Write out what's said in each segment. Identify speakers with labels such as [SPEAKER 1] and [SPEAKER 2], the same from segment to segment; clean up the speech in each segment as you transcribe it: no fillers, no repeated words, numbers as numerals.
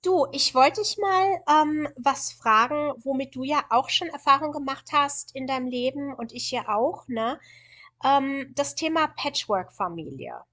[SPEAKER 1] Du, ich wollte dich mal was fragen, womit du ja auch schon Erfahrung gemacht hast in deinem Leben und ich ja auch, ne? Das Thema Patchwork-Familie.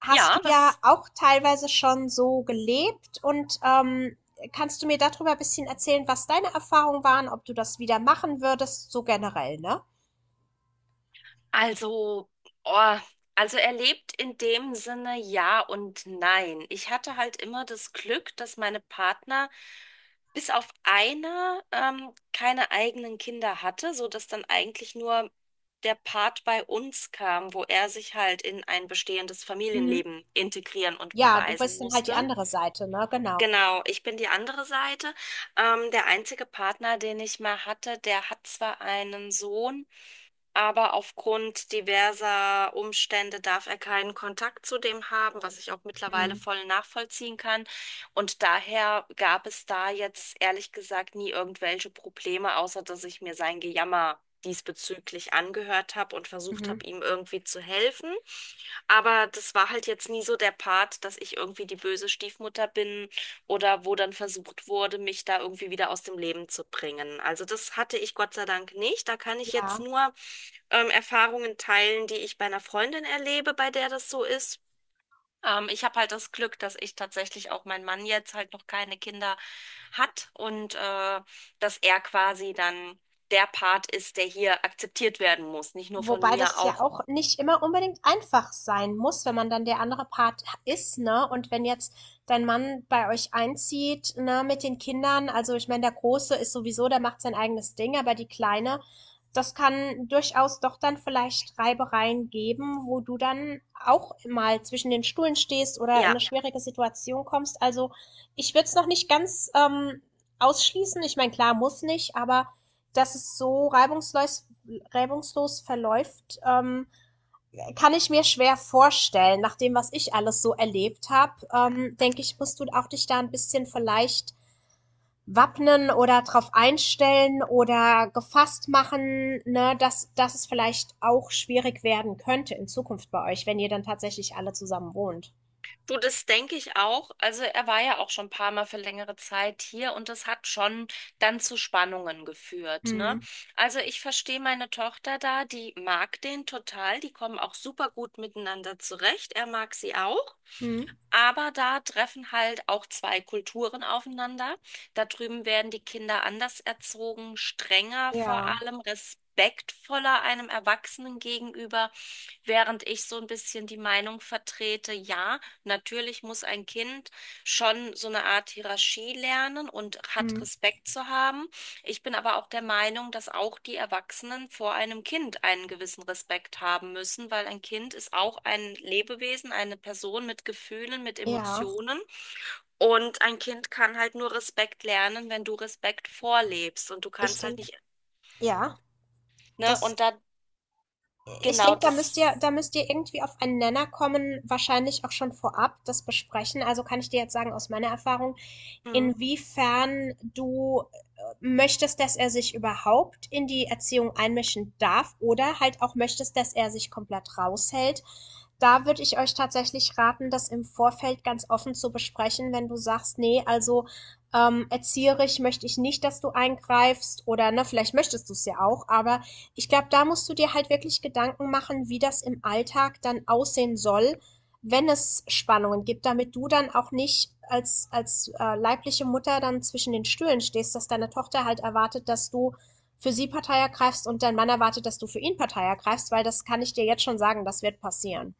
[SPEAKER 1] Hast du
[SPEAKER 2] Ja,
[SPEAKER 1] ja
[SPEAKER 2] was?
[SPEAKER 1] auch teilweise schon so gelebt und kannst du mir darüber ein bisschen erzählen, was deine Erfahrungen waren, ob du das wieder machen würdest, so generell, ne?
[SPEAKER 2] Also, oh, also er lebt in dem Sinne ja und nein. Ich hatte halt immer das Glück, dass meine Partner bis auf einer keine eigenen Kinder hatte, so dass dann eigentlich nur der Part bei uns kam, wo er sich halt in ein bestehendes
[SPEAKER 1] Mhm.
[SPEAKER 2] Familienleben integrieren und
[SPEAKER 1] Ja, du
[SPEAKER 2] beweisen
[SPEAKER 1] weißt dann halt die
[SPEAKER 2] musste.
[SPEAKER 1] andere Seite, ne? Genau.
[SPEAKER 2] Genau, ich bin die andere Seite. Der einzige Partner, den ich mal hatte, der hat zwar einen Sohn, aber aufgrund diverser Umstände darf er keinen Kontakt zu dem haben, was ich auch mittlerweile
[SPEAKER 1] Mhm.
[SPEAKER 2] voll nachvollziehen kann. Und daher gab es da jetzt ehrlich gesagt nie irgendwelche Probleme, außer dass ich mir sein Gejammer diesbezüglich angehört habe und versucht
[SPEAKER 1] Mhm.
[SPEAKER 2] habe, ihm irgendwie zu helfen. Aber das war halt jetzt nie so der Part, dass ich irgendwie die böse Stiefmutter bin oder wo dann versucht wurde, mich da irgendwie wieder aus dem Leben zu bringen. Also das hatte ich Gott sei Dank nicht. Da kann ich jetzt
[SPEAKER 1] Ja.
[SPEAKER 2] nur Erfahrungen teilen, die ich bei einer Freundin erlebe, bei der das so ist. Ich habe halt das Glück, dass ich tatsächlich auch mein Mann jetzt halt noch keine Kinder hat und dass er quasi dann der Part ist, der hier akzeptiert werden muss. Nicht nur von
[SPEAKER 1] Wobei
[SPEAKER 2] mir,
[SPEAKER 1] das ja
[SPEAKER 2] auch
[SPEAKER 1] auch nicht immer unbedingt einfach sein muss, wenn man dann der andere Part ist, ne? Und wenn jetzt dein Mann bei euch einzieht, ne, mit den Kindern, also ich meine, der Große ist sowieso, der macht sein eigenes Ding, aber die Kleine, das kann durchaus doch dann vielleicht Reibereien geben, wo du dann auch mal zwischen den Stühlen stehst oder in
[SPEAKER 2] ja.
[SPEAKER 1] eine schwierige Situation kommst. Also ich würde es noch nicht ganz ausschließen. Ich meine, klar, muss nicht, aber dass es so reibungslos verläuft, kann ich mir schwer vorstellen. Nach dem, was ich alles so erlebt habe, denke ich, musst du auch dich da ein bisschen vielleicht wappnen oder drauf einstellen oder gefasst machen, ne, dass es vielleicht auch schwierig werden könnte in Zukunft bei euch, wenn ihr dann tatsächlich alle zusammen wohnt.
[SPEAKER 2] Du, das denke ich auch. Also er war ja auch schon ein paar Mal für längere Zeit hier und das hat schon dann zu Spannungen geführt, ne?
[SPEAKER 1] Hm.
[SPEAKER 2] Also ich verstehe meine Tochter da, die mag den total, die kommen auch super gut miteinander zurecht. Er mag sie auch.
[SPEAKER 1] Hm.
[SPEAKER 2] Aber da treffen halt auch zwei Kulturen aufeinander. Da drüben werden die Kinder anders erzogen, strenger vor
[SPEAKER 1] Ja.
[SPEAKER 2] allem, respektvoller einem Erwachsenen gegenüber, während ich so ein bisschen die Meinung vertrete, ja, natürlich muss ein Kind schon so eine Art Hierarchie lernen und hat
[SPEAKER 1] Hm.
[SPEAKER 2] Respekt zu haben. Ich bin aber auch der Meinung, dass auch die Erwachsenen vor einem Kind einen gewissen Respekt haben müssen, weil ein Kind ist auch ein Lebewesen, eine Person mit Gefühlen, mit
[SPEAKER 1] Ja.
[SPEAKER 2] Emotionen. Und ein Kind kann halt nur Respekt lernen, wenn du Respekt vorlebst. Und du
[SPEAKER 1] Ich
[SPEAKER 2] kannst halt
[SPEAKER 1] denke,
[SPEAKER 2] nicht,
[SPEAKER 1] ja,
[SPEAKER 2] ne?
[SPEAKER 1] das
[SPEAKER 2] Und da,
[SPEAKER 1] ich
[SPEAKER 2] genau,
[SPEAKER 1] denke, da müsst
[SPEAKER 2] das.
[SPEAKER 1] ihr, da müsst ihr irgendwie auf einen Nenner kommen, wahrscheinlich auch schon vorab das besprechen. Also kann ich dir jetzt sagen, aus meiner Erfahrung,
[SPEAKER 2] Hm.
[SPEAKER 1] inwiefern du möchtest, dass er sich überhaupt in die Erziehung einmischen darf oder halt auch möchtest, dass er sich komplett raushält. Da würde ich euch tatsächlich raten, das im Vorfeld ganz offen zu besprechen, wenn du sagst, nee, also erzieherisch möchte ich nicht, dass du eingreifst oder ne, vielleicht möchtest du es ja auch, aber ich glaube, da musst du dir halt wirklich Gedanken machen, wie das im Alltag dann aussehen soll, wenn es Spannungen gibt, damit du dann auch nicht als leibliche Mutter dann zwischen den Stühlen stehst, dass deine Tochter halt erwartet, dass du für sie Partei ergreifst und dein Mann erwartet, dass du für ihn Partei ergreifst, weil das kann ich dir jetzt schon sagen, das wird passieren.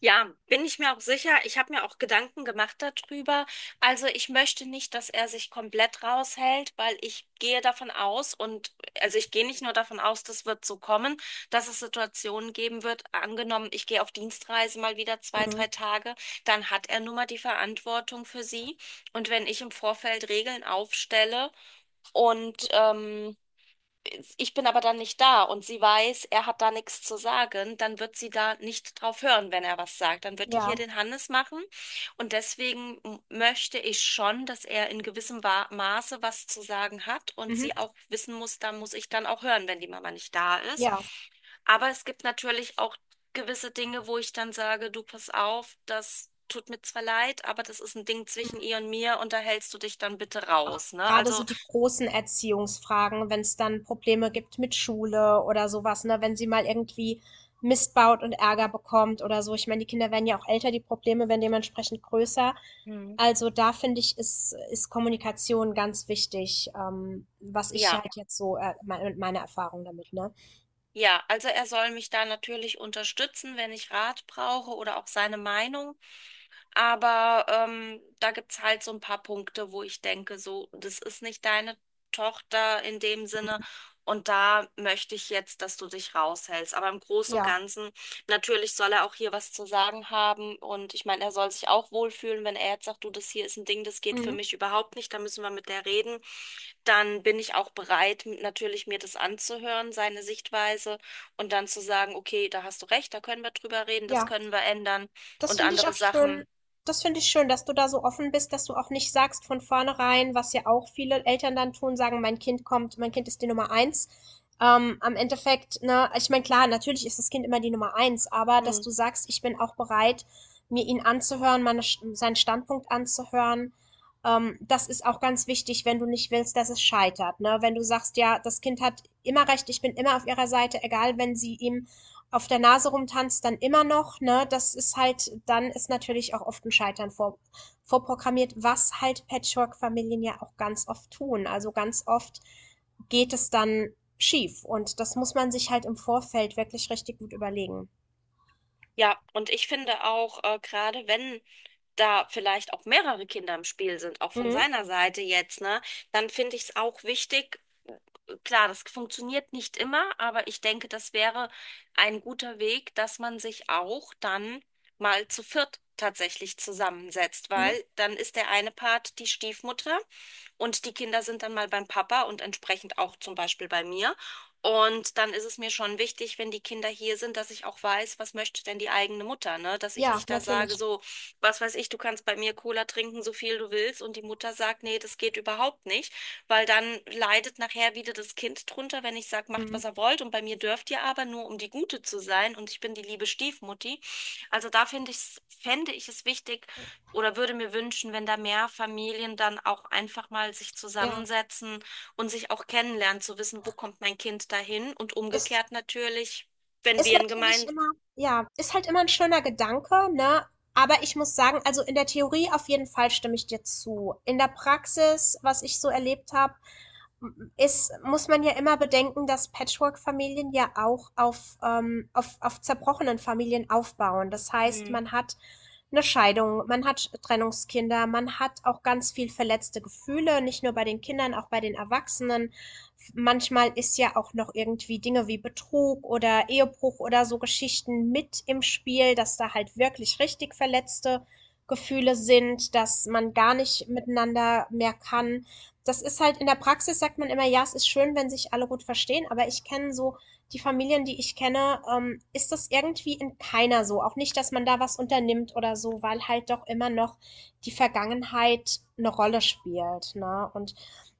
[SPEAKER 2] Ja, bin ich mir auch sicher. Ich habe mir auch Gedanken gemacht darüber. Also ich möchte nicht, dass er sich komplett raushält, weil ich gehe davon aus und also ich gehe nicht nur davon aus, das wird so kommen, dass es Situationen geben wird. Angenommen, ich gehe auf Dienstreise mal wieder zwei,
[SPEAKER 1] Mhm.
[SPEAKER 2] drei Tage, dann hat er nun mal die Verantwortung für sie. Und wenn ich im Vorfeld Regeln aufstelle und ich bin aber dann nicht da und sie weiß, er hat da nichts zu sagen, dann wird sie da nicht drauf hören, wenn er was sagt. Dann wird die
[SPEAKER 1] Ja.
[SPEAKER 2] hier den Hannes machen. Und deswegen möchte ich schon, dass er in gewissem Maße was zu sagen hat und sie
[SPEAKER 1] Mhm.
[SPEAKER 2] auch wissen muss, da muss ich dann auch hören, wenn die Mama nicht da ist.
[SPEAKER 1] Ja,
[SPEAKER 2] Aber es gibt natürlich auch gewisse Dinge, wo ich dann sage, du pass auf, das tut mir zwar leid, aber das ist ein Ding zwischen ihr und mir und da hältst du dich dann bitte
[SPEAKER 1] auch
[SPEAKER 2] raus, ne?
[SPEAKER 1] gerade so
[SPEAKER 2] Also
[SPEAKER 1] die großen Erziehungsfragen, wenn es dann Probleme gibt mit Schule oder sowas, ne? Wenn sie mal irgendwie Mist baut und Ärger bekommt oder so. Ich meine, die Kinder werden ja auch älter, die Probleme werden dementsprechend größer.
[SPEAKER 2] mhm,
[SPEAKER 1] Also da finde ich, ist Kommunikation ganz wichtig, was ich
[SPEAKER 2] ja.
[SPEAKER 1] halt jetzt so, meine Erfahrung damit, ne?
[SPEAKER 2] Ja, also er soll mich da natürlich unterstützen, wenn ich Rat brauche oder auch seine Meinung. Aber da gibt es halt so ein paar Punkte, wo ich denke, so, das ist nicht deine Tochter in dem Sinne. Und da möchte ich jetzt, dass du dich raushältst. Aber im Großen und
[SPEAKER 1] Ja,
[SPEAKER 2] Ganzen, natürlich soll er auch hier was zu sagen haben. Und ich meine, er soll sich auch wohlfühlen, wenn er jetzt sagt, du, das hier ist ein Ding, das geht für
[SPEAKER 1] mhm,
[SPEAKER 2] mich überhaupt nicht, da müssen wir mit der reden. Dann bin ich auch bereit, natürlich mir das anzuhören, seine Sichtweise. Und dann zu sagen, okay, da hast du recht, da können wir drüber reden, das
[SPEAKER 1] ja.
[SPEAKER 2] können wir ändern.
[SPEAKER 1] Das
[SPEAKER 2] Und
[SPEAKER 1] finde ich
[SPEAKER 2] andere
[SPEAKER 1] auch schön.
[SPEAKER 2] Sachen.
[SPEAKER 1] Das finde ich schön, dass du da so offen bist, dass du auch nicht sagst von vornherein, was ja auch viele Eltern dann tun, sagen, mein Kind kommt, mein Kind ist die Nummer eins. Am Endeffekt, ne, ich meine, klar, natürlich ist das Kind immer die Nummer eins, aber dass
[SPEAKER 2] Hm.
[SPEAKER 1] du sagst, ich bin auch bereit, mir seinen Standpunkt anzuhören, das ist auch ganz wichtig, wenn du nicht willst, dass es scheitert, ne? Wenn du sagst, ja, das Kind hat immer recht, ich bin immer auf ihrer Seite, egal wenn sie ihm auf der Nase rumtanzt, dann immer noch, ne, das ist halt, dann ist natürlich auch oft ein vorprogrammiert, was halt Patchwork-Familien ja auch ganz oft tun. Also ganz oft geht es dann schief und das muss man sich halt im Vorfeld wirklich richtig gut überlegen.
[SPEAKER 2] Ja, und ich finde auch, gerade wenn da vielleicht auch mehrere Kinder im Spiel sind, auch von
[SPEAKER 1] Mhm.
[SPEAKER 2] seiner Seite jetzt, ne, dann finde ich es auch wichtig, klar, das funktioniert nicht immer, aber ich denke, das wäre ein guter Weg, dass man sich auch dann mal zu viert tatsächlich zusammensetzt,
[SPEAKER 1] Mhm.
[SPEAKER 2] weil dann ist der eine Part die Stiefmutter und die Kinder sind dann mal beim Papa und entsprechend auch zum Beispiel bei mir. Und dann ist es mir schon wichtig, wenn die Kinder hier sind, dass ich auch weiß, was möchte denn die eigene Mutter, ne? Dass ich
[SPEAKER 1] Ja,
[SPEAKER 2] nicht da sage,
[SPEAKER 1] natürlich.
[SPEAKER 2] so, was weiß ich, du kannst bei mir Cola trinken, so viel du willst, und die Mutter sagt, nee, das geht überhaupt nicht. Weil dann leidet nachher wieder das Kind drunter, wenn ich sage, macht,
[SPEAKER 1] Mhm.
[SPEAKER 2] was er wollt. Und bei mir dürft ihr aber nur, um die Gute zu sein. Und ich bin die liebe Stiefmutti. Also da finde ich, fände ich es wichtig oder würde mir wünschen, wenn da mehr Familien dann auch einfach mal sich
[SPEAKER 1] Ja,
[SPEAKER 2] zusammensetzen und sich auch kennenlernen, zu wissen, wo kommt mein Kind dahin. Und
[SPEAKER 1] ist,
[SPEAKER 2] umgekehrt natürlich, wenn
[SPEAKER 1] ist
[SPEAKER 2] wir ein
[SPEAKER 1] natürlich
[SPEAKER 2] gemeinsames
[SPEAKER 1] immer, ja, ist halt immer ein schöner Gedanke, ne, aber ich muss sagen, also in der Theorie auf jeden Fall stimme ich dir zu. In der Praxis, was ich so erlebt habe, ist, muss man ja immer bedenken, dass Patchwork-Familien ja auch auf zerbrochenen Familien aufbauen. Das heißt, man hat eine Scheidung, man hat Trennungskinder, man hat auch ganz viel verletzte Gefühle, nicht nur bei den Kindern, auch bei den Erwachsenen. Manchmal ist ja auch noch irgendwie Dinge wie Betrug oder Ehebruch oder so Geschichten mit im Spiel, dass da halt wirklich richtig verletzte Gefühle sind, dass man gar nicht miteinander mehr kann. Das ist halt in der Praxis, sagt man immer, ja, es ist schön, wenn sich alle gut verstehen, aber ich kenne so die Familien, die ich kenne, ist das irgendwie in keiner so. Auch nicht, dass man da was unternimmt oder so, weil halt doch immer noch die Vergangenheit eine Rolle spielt, ne? Und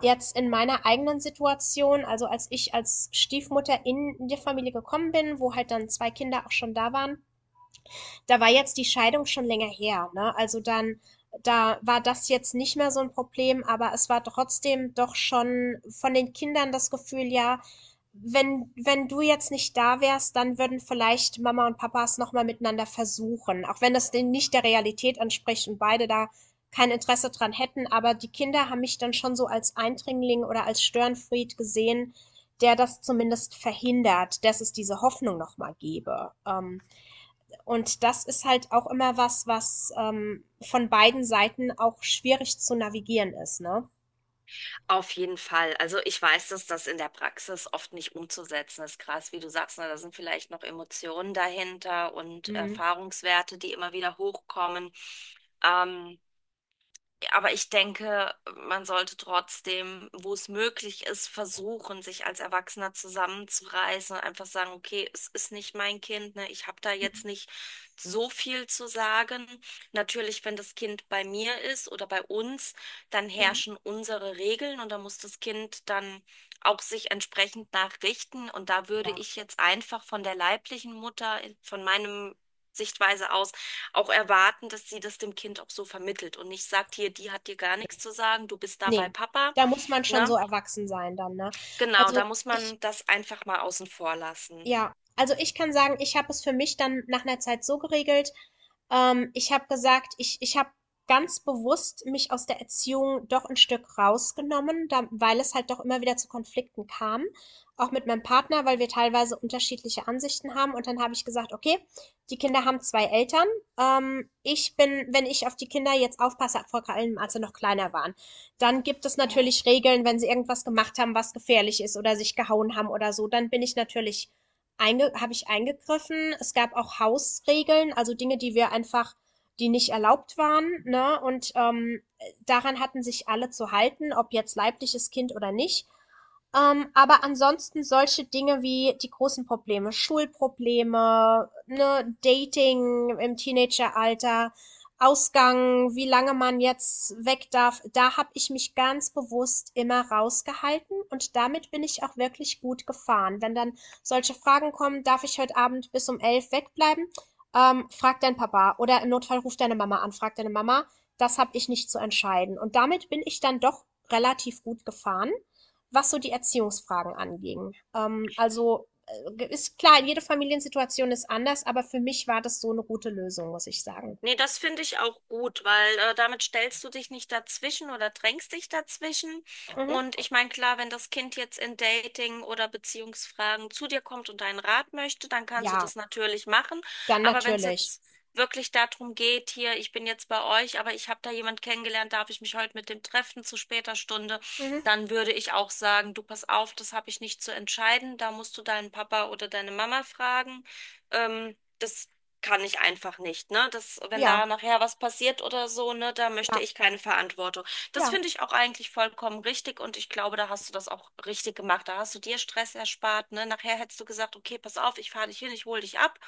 [SPEAKER 1] jetzt in meiner eigenen Situation, also als ich als Stiefmutter in die Familie gekommen bin, wo halt dann zwei Kinder auch schon da waren, da war jetzt die Scheidung schon länger her, ne? Also dann, da war das jetzt nicht mehr so ein Problem, aber es war trotzdem doch schon von den Kindern das Gefühl, ja, wenn du jetzt nicht da wärst, dann würden vielleicht Mama und Papa es nochmal miteinander versuchen. Auch wenn das denn nicht der Realität entspricht und beide da kein Interesse dran hätten. Aber die Kinder haben mich dann schon so als Eindringling oder als Störenfried gesehen, der das zumindest verhindert, dass es diese Hoffnung nochmal gäbe. Und das ist halt auch immer was, was von beiden Seiten auch schwierig zu navigieren ist, ne?
[SPEAKER 2] auf jeden Fall. Also ich weiß, dass das in der Praxis oft nicht umzusetzen ist. Krass, wie du sagst, ne, da sind vielleicht noch Emotionen dahinter und
[SPEAKER 1] Mhm.
[SPEAKER 2] Erfahrungswerte, die immer wieder hochkommen. Ähm, aber ich denke, man sollte trotzdem, wo es möglich ist, versuchen, sich als Erwachsener zusammenzureißen und einfach sagen, okay, es ist nicht mein Kind, ne? Ich habe da jetzt nicht so viel zu sagen. Natürlich, wenn das Kind bei mir ist oder bei uns, dann
[SPEAKER 1] Mhm.
[SPEAKER 2] herrschen unsere Regeln und da muss das Kind dann auch sich entsprechend nachrichten. Und da würde
[SPEAKER 1] Ja,
[SPEAKER 2] ich jetzt einfach von der leiblichen Mutter, von meinem Sichtweise aus, auch erwarten, dass sie das dem Kind auch so vermittelt und nicht sagt, hier, die hat dir gar nichts zu sagen, du bist da bei
[SPEAKER 1] ne,
[SPEAKER 2] Papa,
[SPEAKER 1] da muss man schon
[SPEAKER 2] ne?
[SPEAKER 1] so erwachsen sein dann, ne?
[SPEAKER 2] Genau,
[SPEAKER 1] Also,
[SPEAKER 2] da muss
[SPEAKER 1] ich
[SPEAKER 2] man das einfach mal außen vor lassen.
[SPEAKER 1] ja, also ich kann sagen, ich habe es für mich dann nach einer Zeit so geregelt, ich habe gesagt, ich habe ganz bewusst mich aus der Erziehung doch ein Stück rausgenommen, da weil es halt doch immer wieder zu Konflikten kam, auch mit meinem Partner, weil wir teilweise unterschiedliche Ansichten haben. Und dann habe ich gesagt: „Okay, die Kinder haben 2 Eltern. Ich bin Wenn ich auf die Kinder jetzt aufpasse, vor allem als sie noch kleiner waren, dann gibt es Ja. natürlich Regeln, wenn sie irgendwas gemacht haben, was gefährlich ist oder sich gehauen haben oder so, dann bin ich natürlich einge habe ich eingegriffen. Es gab auch Hausregeln, also Dinge, die wir einfach, die nicht erlaubt waren, ne? Und daran hatten sich alle zu halten, ob jetzt leibliches Kind oder nicht. Aber ansonsten solche Dinge wie die großen Probleme, Schulprobleme, ne, Dating im Teenageralter, Ausgang, wie lange man jetzt weg darf, da habe ich mich ganz bewusst immer rausgehalten und damit bin ich auch wirklich gut gefahren. Wenn dann solche Fragen kommen, darf ich heute Abend bis um elf wegbleiben? Frag deinen Papa oder im Notfall ruf deine Mama an, frag deine Mama. Das habe ich nicht zu entscheiden. Und damit bin ich dann doch relativ gut gefahren, was so die Erziehungsfragen anging. Ist klar, jede Familiensituation ist anders, aber für mich war das so eine gute Lösung, muss ich sagen.
[SPEAKER 2] Nee, das finde ich auch gut, weil damit stellst du dich nicht dazwischen oder drängst dich dazwischen.
[SPEAKER 1] Mhm.
[SPEAKER 2] Und ich meine, klar, wenn das Kind jetzt in Dating- oder Beziehungsfragen zu dir kommt und deinen Rat möchte, dann kannst du
[SPEAKER 1] Ja,
[SPEAKER 2] das natürlich machen.
[SPEAKER 1] dann
[SPEAKER 2] Aber wenn es
[SPEAKER 1] natürlich.
[SPEAKER 2] jetzt wirklich darum geht, hier, ich bin jetzt bei euch, aber ich habe da jemand kennengelernt, darf ich mich heute mit dem treffen zu später Stunde,
[SPEAKER 1] Mhm.
[SPEAKER 2] dann würde ich auch sagen, du pass auf, das habe ich nicht zu entscheiden, da musst du deinen Papa oder deine Mama fragen. Das kann ich einfach nicht, ne? Das, wenn
[SPEAKER 1] Ja,
[SPEAKER 2] da nachher was passiert oder so, ne, da möchte
[SPEAKER 1] ja,
[SPEAKER 2] ich keine Verantwortung. Das
[SPEAKER 1] ja,
[SPEAKER 2] finde ich auch eigentlich vollkommen richtig und ich glaube, da hast du das auch richtig gemacht. Da hast du dir Stress erspart, ne? Nachher hättest du gesagt, okay, pass auf, ich fahre dich hin, ich hole dich ab.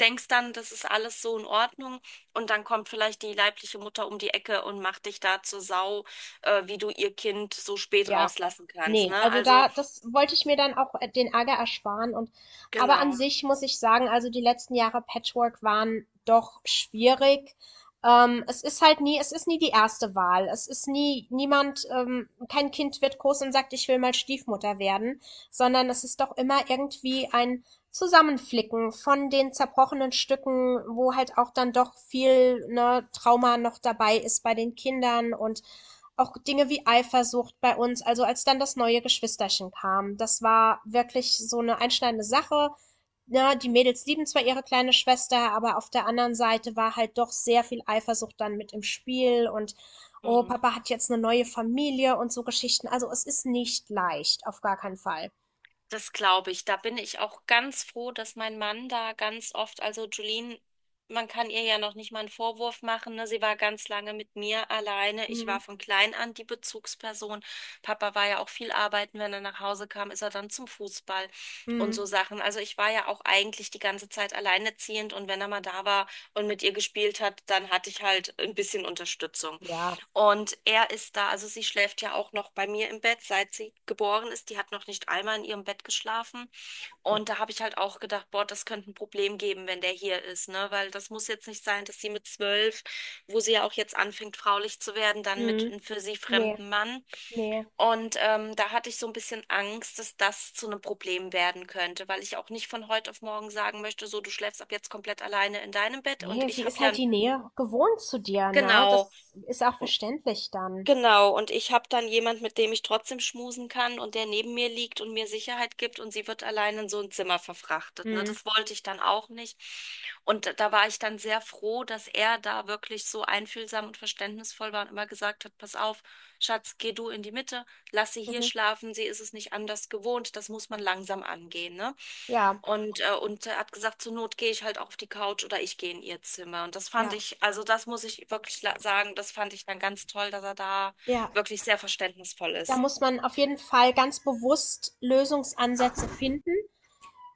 [SPEAKER 2] Denkst dann, das ist alles so in Ordnung und dann kommt vielleicht die leibliche Mutter um die Ecke und macht dich da zur Sau, wie du ihr Kind so spät
[SPEAKER 1] ja.
[SPEAKER 2] rauslassen kannst,
[SPEAKER 1] Ne,
[SPEAKER 2] ne?
[SPEAKER 1] also
[SPEAKER 2] Also,
[SPEAKER 1] da das wollte ich mir dann auch den Ärger ersparen und aber an
[SPEAKER 2] genau.
[SPEAKER 1] sich muss ich sagen, also die letzten Jahre Patchwork waren doch schwierig. Es ist nie die erste Wahl. Es ist nie niemand, kein Kind wird groß und sagt, ich will mal Stiefmutter werden, sondern es ist doch immer irgendwie ein Zusammenflicken von den zerbrochenen Stücken, wo halt auch dann doch viel, ne, Trauma noch dabei ist bei den Kindern und auch Dinge wie Eifersucht bei uns, also als dann das neue Geschwisterchen kam. Das war wirklich so eine einschneidende Sache. Na, die Mädels lieben zwar ihre kleine Schwester, aber auf der anderen Seite war halt doch sehr viel Eifersucht dann mit im Spiel und oh,
[SPEAKER 2] Hm.
[SPEAKER 1] Papa hat jetzt eine neue Familie und so Geschichten. Also es ist nicht leicht, auf gar keinen Fall.
[SPEAKER 2] Das glaube ich. Da bin ich auch ganz froh, dass mein Mann da ganz oft, also Julien, man kann ihr ja noch nicht mal einen Vorwurf machen, ne? Sie war ganz lange mit mir alleine. Ich
[SPEAKER 1] Mhm.
[SPEAKER 2] war von klein an die Bezugsperson. Papa war ja auch viel arbeiten. Wenn er nach Hause kam, ist er dann zum Fußball und so
[SPEAKER 1] Mhm.
[SPEAKER 2] Sachen. Also ich war ja auch eigentlich die ganze Zeit alleinerziehend und wenn er mal da war und mit ihr gespielt hat, dann hatte ich halt ein bisschen Unterstützung.
[SPEAKER 1] Ja,
[SPEAKER 2] Und er ist da, also sie schläft ja auch noch bei mir im Bett, seit sie geboren ist. Die hat noch nicht einmal in ihrem Bett geschlafen. Und da habe ich halt auch gedacht, boah, das könnte ein Problem geben, wenn der hier ist, ne? Weil das muss jetzt nicht sein, dass sie mit zwölf, wo sie ja auch jetzt anfängt, fraulich zu werden, dann mit
[SPEAKER 1] Mhm.
[SPEAKER 2] einem für sie
[SPEAKER 1] Nee,
[SPEAKER 2] fremden Mann.
[SPEAKER 1] nee.
[SPEAKER 2] Und da hatte ich so ein bisschen Angst, dass das zu einem Problem werden könnte, weil ich auch nicht von heute auf morgen sagen möchte, so, du schläfst ab jetzt komplett alleine in deinem Bett und
[SPEAKER 1] Nee,
[SPEAKER 2] ich
[SPEAKER 1] sie
[SPEAKER 2] habe
[SPEAKER 1] ist
[SPEAKER 2] ja
[SPEAKER 1] halt
[SPEAKER 2] ein
[SPEAKER 1] die Nähe gewohnt zu dir, ne?
[SPEAKER 2] genau.
[SPEAKER 1] Das ist auch verständlich dann.
[SPEAKER 2] Genau, und ich habe dann jemand, mit dem ich trotzdem schmusen kann und der neben mir liegt und mir Sicherheit gibt und sie wird allein in so ein Zimmer verfrachtet. Ne?
[SPEAKER 1] Mhm.
[SPEAKER 2] Das wollte ich dann auch nicht. Und da war ich dann sehr froh, dass er da wirklich so einfühlsam und verständnisvoll war und immer gesagt hat, pass auf, Schatz, geh du in die Mitte, lass sie hier
[SPEAKER 1] Mhm.
[SPEAKER 2] schlafen, sie ist es nicht anders gewohnt, das muss man langsam angehen, ne?
[SPEAKER 1] Ja,
[SPEAKER 2] Und er hat gesagt, zur Not gehe ich halt auf die Couch oder ich gehe in ihr Zimmer. Und das fand
[SPEAKER 1] ja.
[SPEAKER 2] ich, also das muss ich wirklich sagen, das fand ich dann ganz toll, dass er da
[SPEAKER 1] Ja,
[SPEAKER 2] wirklich sehr verständnisvoll
[SPEAKER 1] da
[SPEAKER 2] ist.
[SPEAKER 1] muss man auf jeden Fall ganz bewusst Lösungsansätze finden,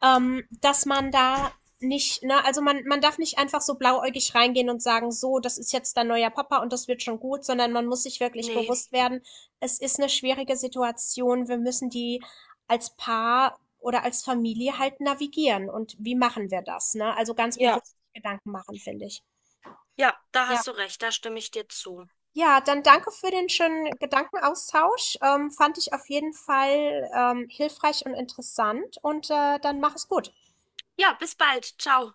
[SPEAKER 1] dass man da nicht, ne, also man darf nicht einfach so blauäugig reingehen und sagen, so, das ist jetzt dein neuer Papa und das wird schon gut, sondern man muss sich wirklich
[SPEAKER 2] Nee,
[SPEAKER 1] bewusst werden, es ist eine schwierige Situation, wir müssen die als Paar oder als Familie halt navigieren. Und wie machen wir das, ne? Also ganz
[SPEAKER 2] ja.
[SPEAKER 1] bewusst Gedanken machen, finde ich.
[SPEAKER 2] Ja, da
[SPEAKER 1] Ja.
[SPEAKER 2] hast du recht, da stimme ich dir zu.
[SPEAKER 1] Ja, dann danke für den schönen Gedankenaustausch. Fand ich auf jeden Fall, hilfreich und interessant und, dann mach es gut.
[SPEAKER 2] Ja, bis bald. Ciao.